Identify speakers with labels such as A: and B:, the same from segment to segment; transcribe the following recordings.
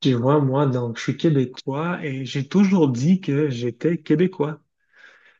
A: Tu vois, moi, donc, je suis québécois et j'ai toujours dit que j'étais québécois.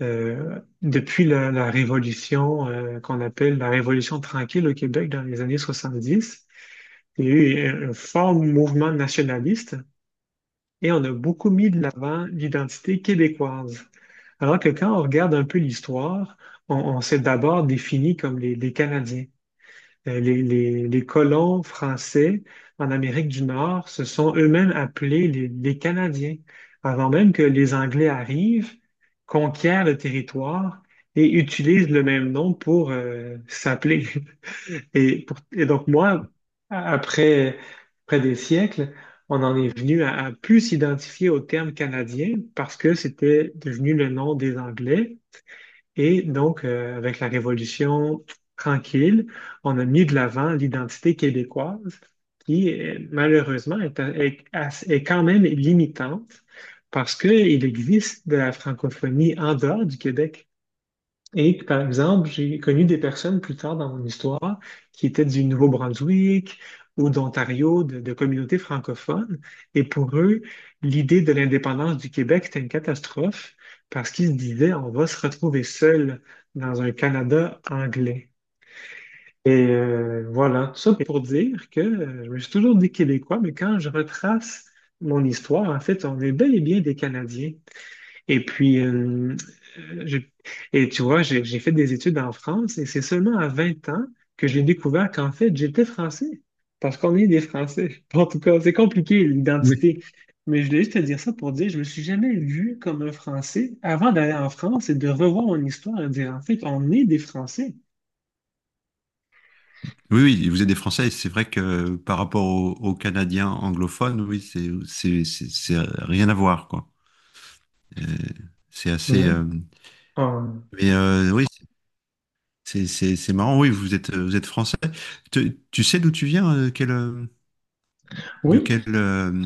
A: Depuis la révolution qu'on appelle la Révolution tranquille au Québec dans les années 70. Il y a eu un fort mouvement nationaliste et on a beaucoup mis de l'avant l'identité québécoise. Alors que quand on regarde un peu l'histoire, on s'est d'abord défini comme les Canadiens. Les colons français en Amérique du Nord se sont eux-mêmes appelés les Canadiens, avant même que les Anglais arrivent, conquièrent le territoire et utilisent le même nom pour s'appeler. Et donc moi, après, après des siècles, on en est venu à plus s'identifier au terme canadien parce que c'était devenu le nom des Anglais. Et donc, avec la Révolution tranquille, on a mis de l'avant l'identité québécoise qui, malheureusement, est quand même limitante parce qu'il existe de la francophonie en dehors du Québec. Et que, par exemple, j'ai connu des personnes plus tard dans mon histoire qui étaient du Nouveau-Brunswick ou d'Ontario, de communautés francophones. Et pour eux, l'idée de l'indépendance du Québec était une catastrophe parce qu'ils se disaient, on va se retrouver seul dans un Canada anglais. Et voilà, tout ça pour dire que je me suis toujours dit Québécois, mais quand je retrace mon histoire, en fait, on est bel et bien des Canadiens. Et puis, euh, je- et tu vois, j'ai fait des études en France et c'est seulement à 20 ans que j'ai découvert qu'en fait, j'étais français. Parce qu'on est des Français. En tout cas, c'est compliqué,
B: Oui,
A: l'identité. Mais je voulais juste te dire ça pour dire, je me suis jamais vu comme un Français avant d'aller en France et de revoir mon histoire et dire, en fait, on est des Français.
B: oui, oui, vous êtes des Français, et c'est vrai que par rapport aux Canadiens anglophones, oui, c'est rien à voir, quoi. Euh, c'est assez.
A: Non. On-
B: Mais Oui, c'est marrant, oui, vous êtes Français. Tu sais d'où tu viens, de
A: Oui,
B: quelle, euh,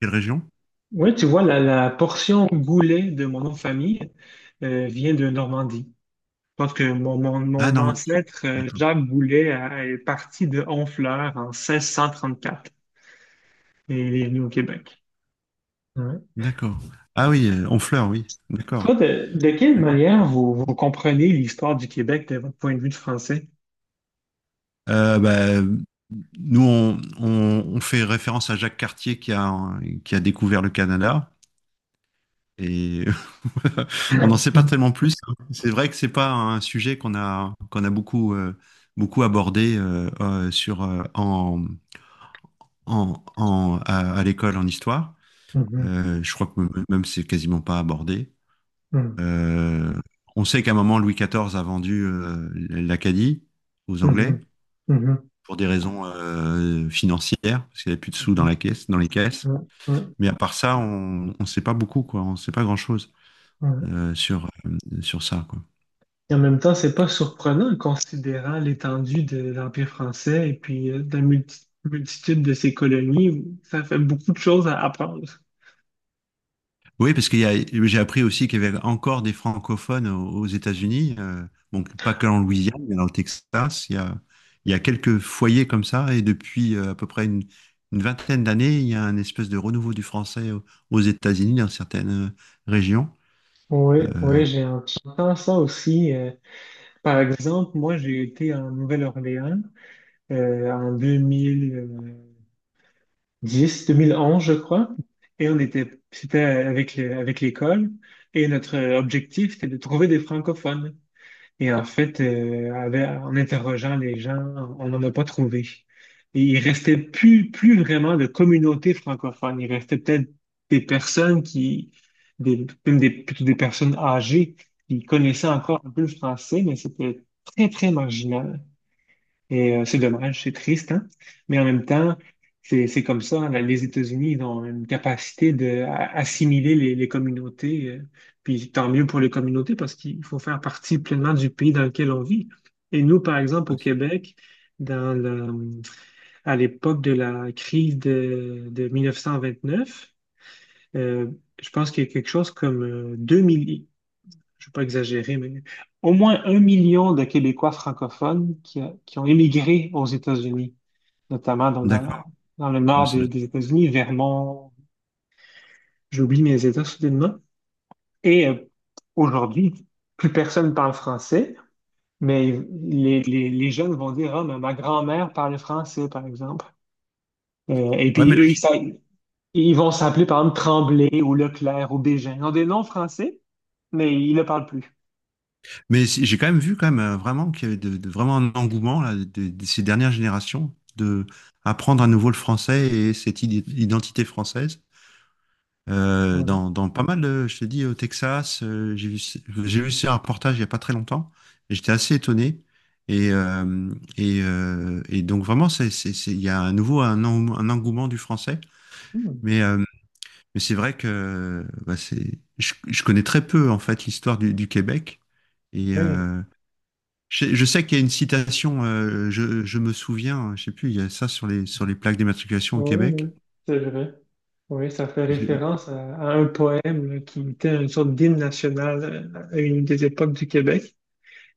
B: quelle région?
A: oui, tu vois, la portion goulet de mon nom de famille vient de Normandie. Je pense que mon, mon,
B: Ah,
A: mon
B: Normandie.
A: ancêtre,
B: D'accord.
A: Jacques Boulet, est parti de Honfleur en 1634 et il est venu au Québec. Ouais.
B: D'accord. Ah oui, Honfleur, oui. D'accord.
A: Toi, de quelle manière vous, vous comprenez l'histoire du Québec de votre point de vue de français?
B: Euh, bah, Nous, on fait référence à Jacques Cartier qui a découvert le Canada. Et voilà. On n'en sait pas tellement plus, hein. C'est vrai que c'est pas un sujet qu'on a beaucoup beaucoup abordé sur en en, en- à l'école en histoire.
A: Mhm,
B: Je crois que même c'est quasiment pas abordé.
A: mhm,
B: Euh, on sait qu'à un moment Louis XIV a vendu l'Acadie aux Anglais
A: mhm, mhm,
B: pour des raisons financières parce qu'il n'y avait plus de sous dans
A: mhm,
B: la caisse dans les caisses.
A: mhm, mhm,
B: Mais à part ça, on sait pas beaucoup quoi. On sait pas grand-chose
A: mhm.
B: sur ça quoi.
A: Et en même temps, c'est pas surprenant considérant l'étendue de l'Empire français et puis de la multitude de ses colonies. Ça fait beaucoup de choses à apprendre.
B: Oui, parce qu'il y a, j'ai appris aussi qu'il y avait encore des francophones aux États-Unis, donc pas que en Louisiane, mais dans le Texas. Il y a quelques foyers comme ça, et depuis à peu près une vingtaine d'années, il y a un espèce de renouveau du aux États-Unis dans certaines régions.
A: Oui, oui, j'entends ça aussi. Par exemple, moi, j'ai été en Nouvelle-Orléans en 2010, 2011, je crois. Et on était, c'était avec avec l'école. Et notre objectif, c'était de trouver des francophones. Et en fait, en interrogeant les gens, on n'en a pas trouvé. Et il restait plus, plus vraiment de communauté francophone. Il restait peut-être des personnes qui, des, même des, plutôt des personnes âgées qui connaissaient encore un peu le français, mais c'était très, très marginal. Et c'est dommage, c'est triste, hein? Mais en même temps, c'est comme ça, hein. Les États-Unis, ils ont une capacité d'assimiler les communautés. Puis tant mieux pour les communautés parce qu'il faut faire partie pleinement du pays dans lequel on vit. Et nous, par exemple, au
B: Ouais.
A: Québec, dans le- à l'époque de la crise de 1929, euh, je pense qu'il y a quelque chose comme 2 millions, je ne vais pas exagérer, mais au moins 1 million de Québécois francophones qui, qui ont émigré aux États-Unis notamment
B: D'accord.
A: dans le
B: Mais
A: nord
B: ça doit-
A: des,
B: être-
A: des États-Unis, Vermont, j'oublie mes États soudainement. Et aujourd'hui, plus personne parle français, mais les jeunes vont dire, ah, mais ma grand-mère parle français, par exemple. Euh, et
B: Ouais, mais,
A: puis eux, ils, sa- ils vont s'appeler, par exemple, Tremblay ou Leclerc ou Bégin. Ils ont des noms français, mais ils ne le parlent plus.
B: mais j'ai quand même vu quand même vraiment qu'il y avait vraiment un engouement là, de ces dernières générations de apprendre à nouveau le français et cette identité française.
A: Oui.
B: Dans pas mal, je te dis, au Texas. J'ai vu ce reportage il n'y a pas très longtemps. Et j'étais assez étonné. Et donc vraiment, il y a à nouveau un engouement du français.
A: Hmm.
B: Mais, euh, mais c'est vrai que bah, je connais très peu en fait l'histoire du Québec. Et
A: Oui.
B: euh, je sais qu'il y a une citation, je me souviens, je sais plus, il y a ça sur sur les plaques d'immatriculation au
A: Oui,
B: Québec.
A: oui, c'est vrai. Oui, ça fait référence à un poème là, qui était une sorte d'hymne national à une des époques du Québec.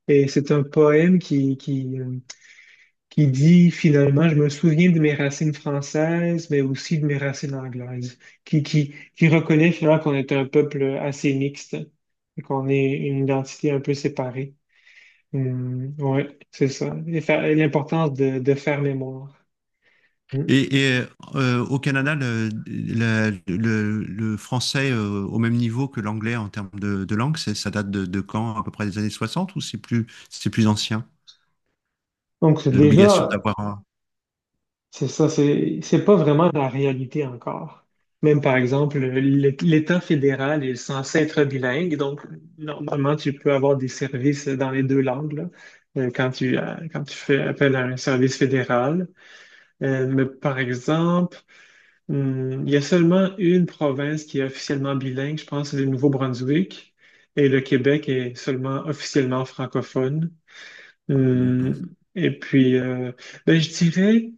A: Et c'est un poème qui, qui dit finalement, je me souviens de mes racines françaises, mais aussi de mes racines anglaises, qui reconnaît finalement qu'on est un peuple assez mixte et qu'on est une identité un peu séparée. Oui, c'est ça. Et l'importance de faire mémoire. Mm.
B: Et, et, Au Canada, le français au même niveau que l'anglais en termes de langue, ça date de quand? À peu près des années 60, ou c'est plus ancien?
A: Donc
B: L'obligation
A: déjà,
B: d'avoir un...
A: c'est ça, c'est pas vraiment la réalité encore. Même par exemple, l'État fédéral est censé être bilingue, donc normalement tu peux avoir des services dans les deux langues là, quand tu fais appel à un service fédéral. Mais par exemple, il y a seulement une province qui est officiellement bilingue, je pense, c'est le Nouveau-Brunswick, et le Québec est seulement officiellement francophone.
B: D'accord.
A: Hum, Et puis, ben, je dirais,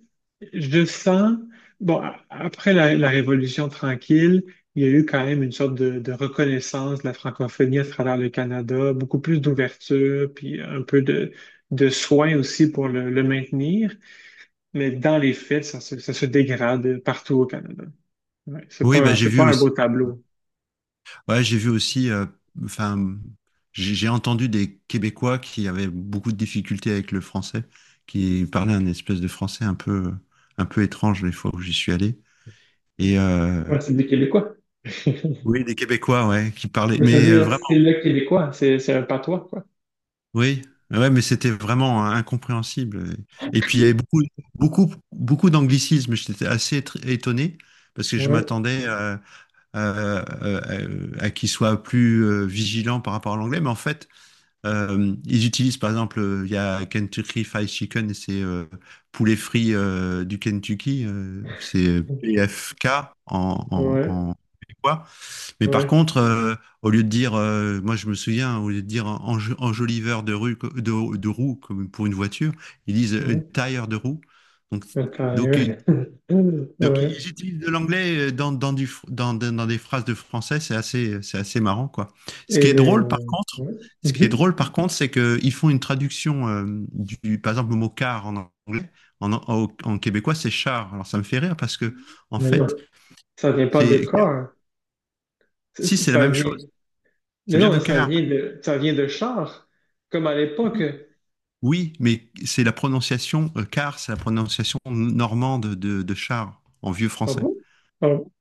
A: je sens, bon, après la Révolution tranquille, il y a eu quand même une sorte de reconnaissance de la francophonie à travers le Canada, beaucoup plus d'ouverture, puis un peu de soin aussi pour le maintenir. Mais dans les faits, ça se dégrade partout au Canada. Ouais, c'est
B: Oui, bah,
A: pas,
B: j'ai
A: c'est
B: vu
A: pas un beau
B: aussi.
A: tableau.
B: Ouais, j'ai vu aussi. Enfin, j'ai entendu des Québécois qui avaient beaucoup de difficultés avec le français, qui parlaient un espèce de français un peu étrange les fois où j'y suis allé. Et euh,
A: Ouais, c'est des Québécois.
B: oui, des Québécois, ouais, qui parlaient,
A: Mais c'est-à-dire,
B: vraiment.
A: c'est le Québécois, c'est un patois, quoi.
B: Oui, ouais, mais c'était vraiment incompréhensible. Et puis il y avait beaucoup, beaucoup, beaucoup d'anglicisme. J'étais assez étonné parce que je
A: Ouais,
B: m'attendais à, qu'ils soient plus vigilants par rapport à l'anglais. Mais en fait, ils utilisent par exemple, il y a Kentucky Fried Chicken et c'est poulet frit du Kentucky, c'est PFK
A: ouais.
B: en québécois. Mais par
A: Ouais,
B: contre, au lieu de dire, moi je me souviens, au lieu de dire enjoliveur de rue, de roue comme pour une voiture, ils disent
A: ouais,
B: tire de roue. Donc, donc, euh,
A: sérieux.
B: donc
A: Ouais.
B: ils utilisent de l'anglais dans, dans, du, fr- dans, dans- dans des phrases de français, c'est assez marrant, quoi. Ce
A: Et
B: qui est
A: les...
B: drôle, par contre,
A: ouais.
B: Ce qui est
A: Mhm.
B: drôle, par contre, c'est qu'ils font une traduction par exemple, le mot car en anglais, en québécois, c'est char. Alors ça me fait rire parce que, en
A: Mais non,
B: fait,
A: ça vient pas de
B: c'est,
A: corps, hein. Ça,
B: si c'est la
A: ça-
B: même
A: vient...
B: chose, ça
A: Mais
B: vient
A: non,
B: de
A: mais
B: car.
A: ça vient de char, comme à l'époque.
B: Oui, mais c'est la prononciation, car c'est la prononciation normande de char en vieux
A: Ah
B: français.
A: bon? Ah bon?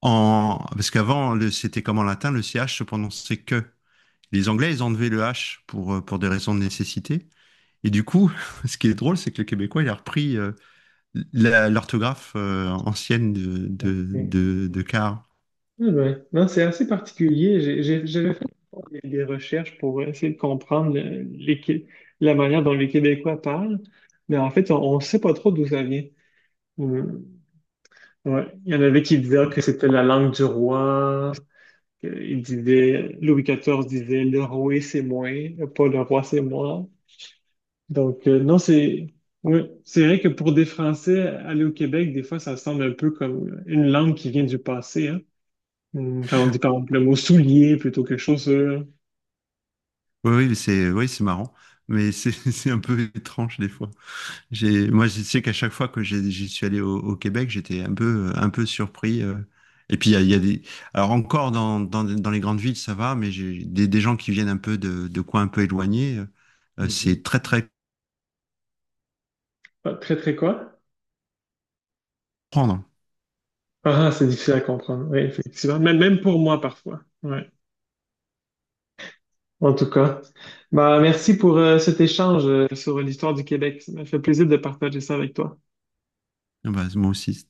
B: Parce qu'avant, c'était comme en latin, le CH se prononçait que. Les Anglais, ils ont enlevé le H pour des raisons de nécessité. Et du coup, ce qui est drôle, c'est que le Québécois, il a repris l'orthographe ancienne
A: Ok.
B: de car.
A: Eh ben, non, c'est assez particulier. J'avais fait des recherches pour essayer de comprendre la manière dont les Québécois parlent, mais en fait, on ne sait pas trop d'où ça vient. Mhm. Ouais. Il y en avait qui disaient que c'était la langue du roi. Il disait, Louis XIV disait, le roi c'est moi, pas le roi c'est moi. Donc, non, c'est, ouais, c'est vrai que pour des Français, aller au Québec, des fois, ça semble un peu comme une langue qui vient du passé, hein. Quand on dit, par exemple, le mot soulier plutôt que chaussure.
B: Oui, c'est marrant, mais c'est c'est un peu étrange des fois. Moi, je sais qu'à chaque fois que j'y suis allé au, au Québec, j'étais un peu surpris. Et puis, il y a des. Alors, encore dans les grandes villes, ça va, mais j'ai des gens qui viennent un peu de coins un peu éloignés.
A: Mhm.
B: C'est très, très
A: Pas très, très quoi?
B: prendre.
A: Ah, ah, c'est difficile à comprendre. Oui, effectivement. Même, même pour moi, parfois. Ouais. En tout cas. Bah, merci pour cet échange sur l'histoire du Québec. Ça m'a fait plaisir de partager ça avec toi.
B: Ah bah, moi aussi,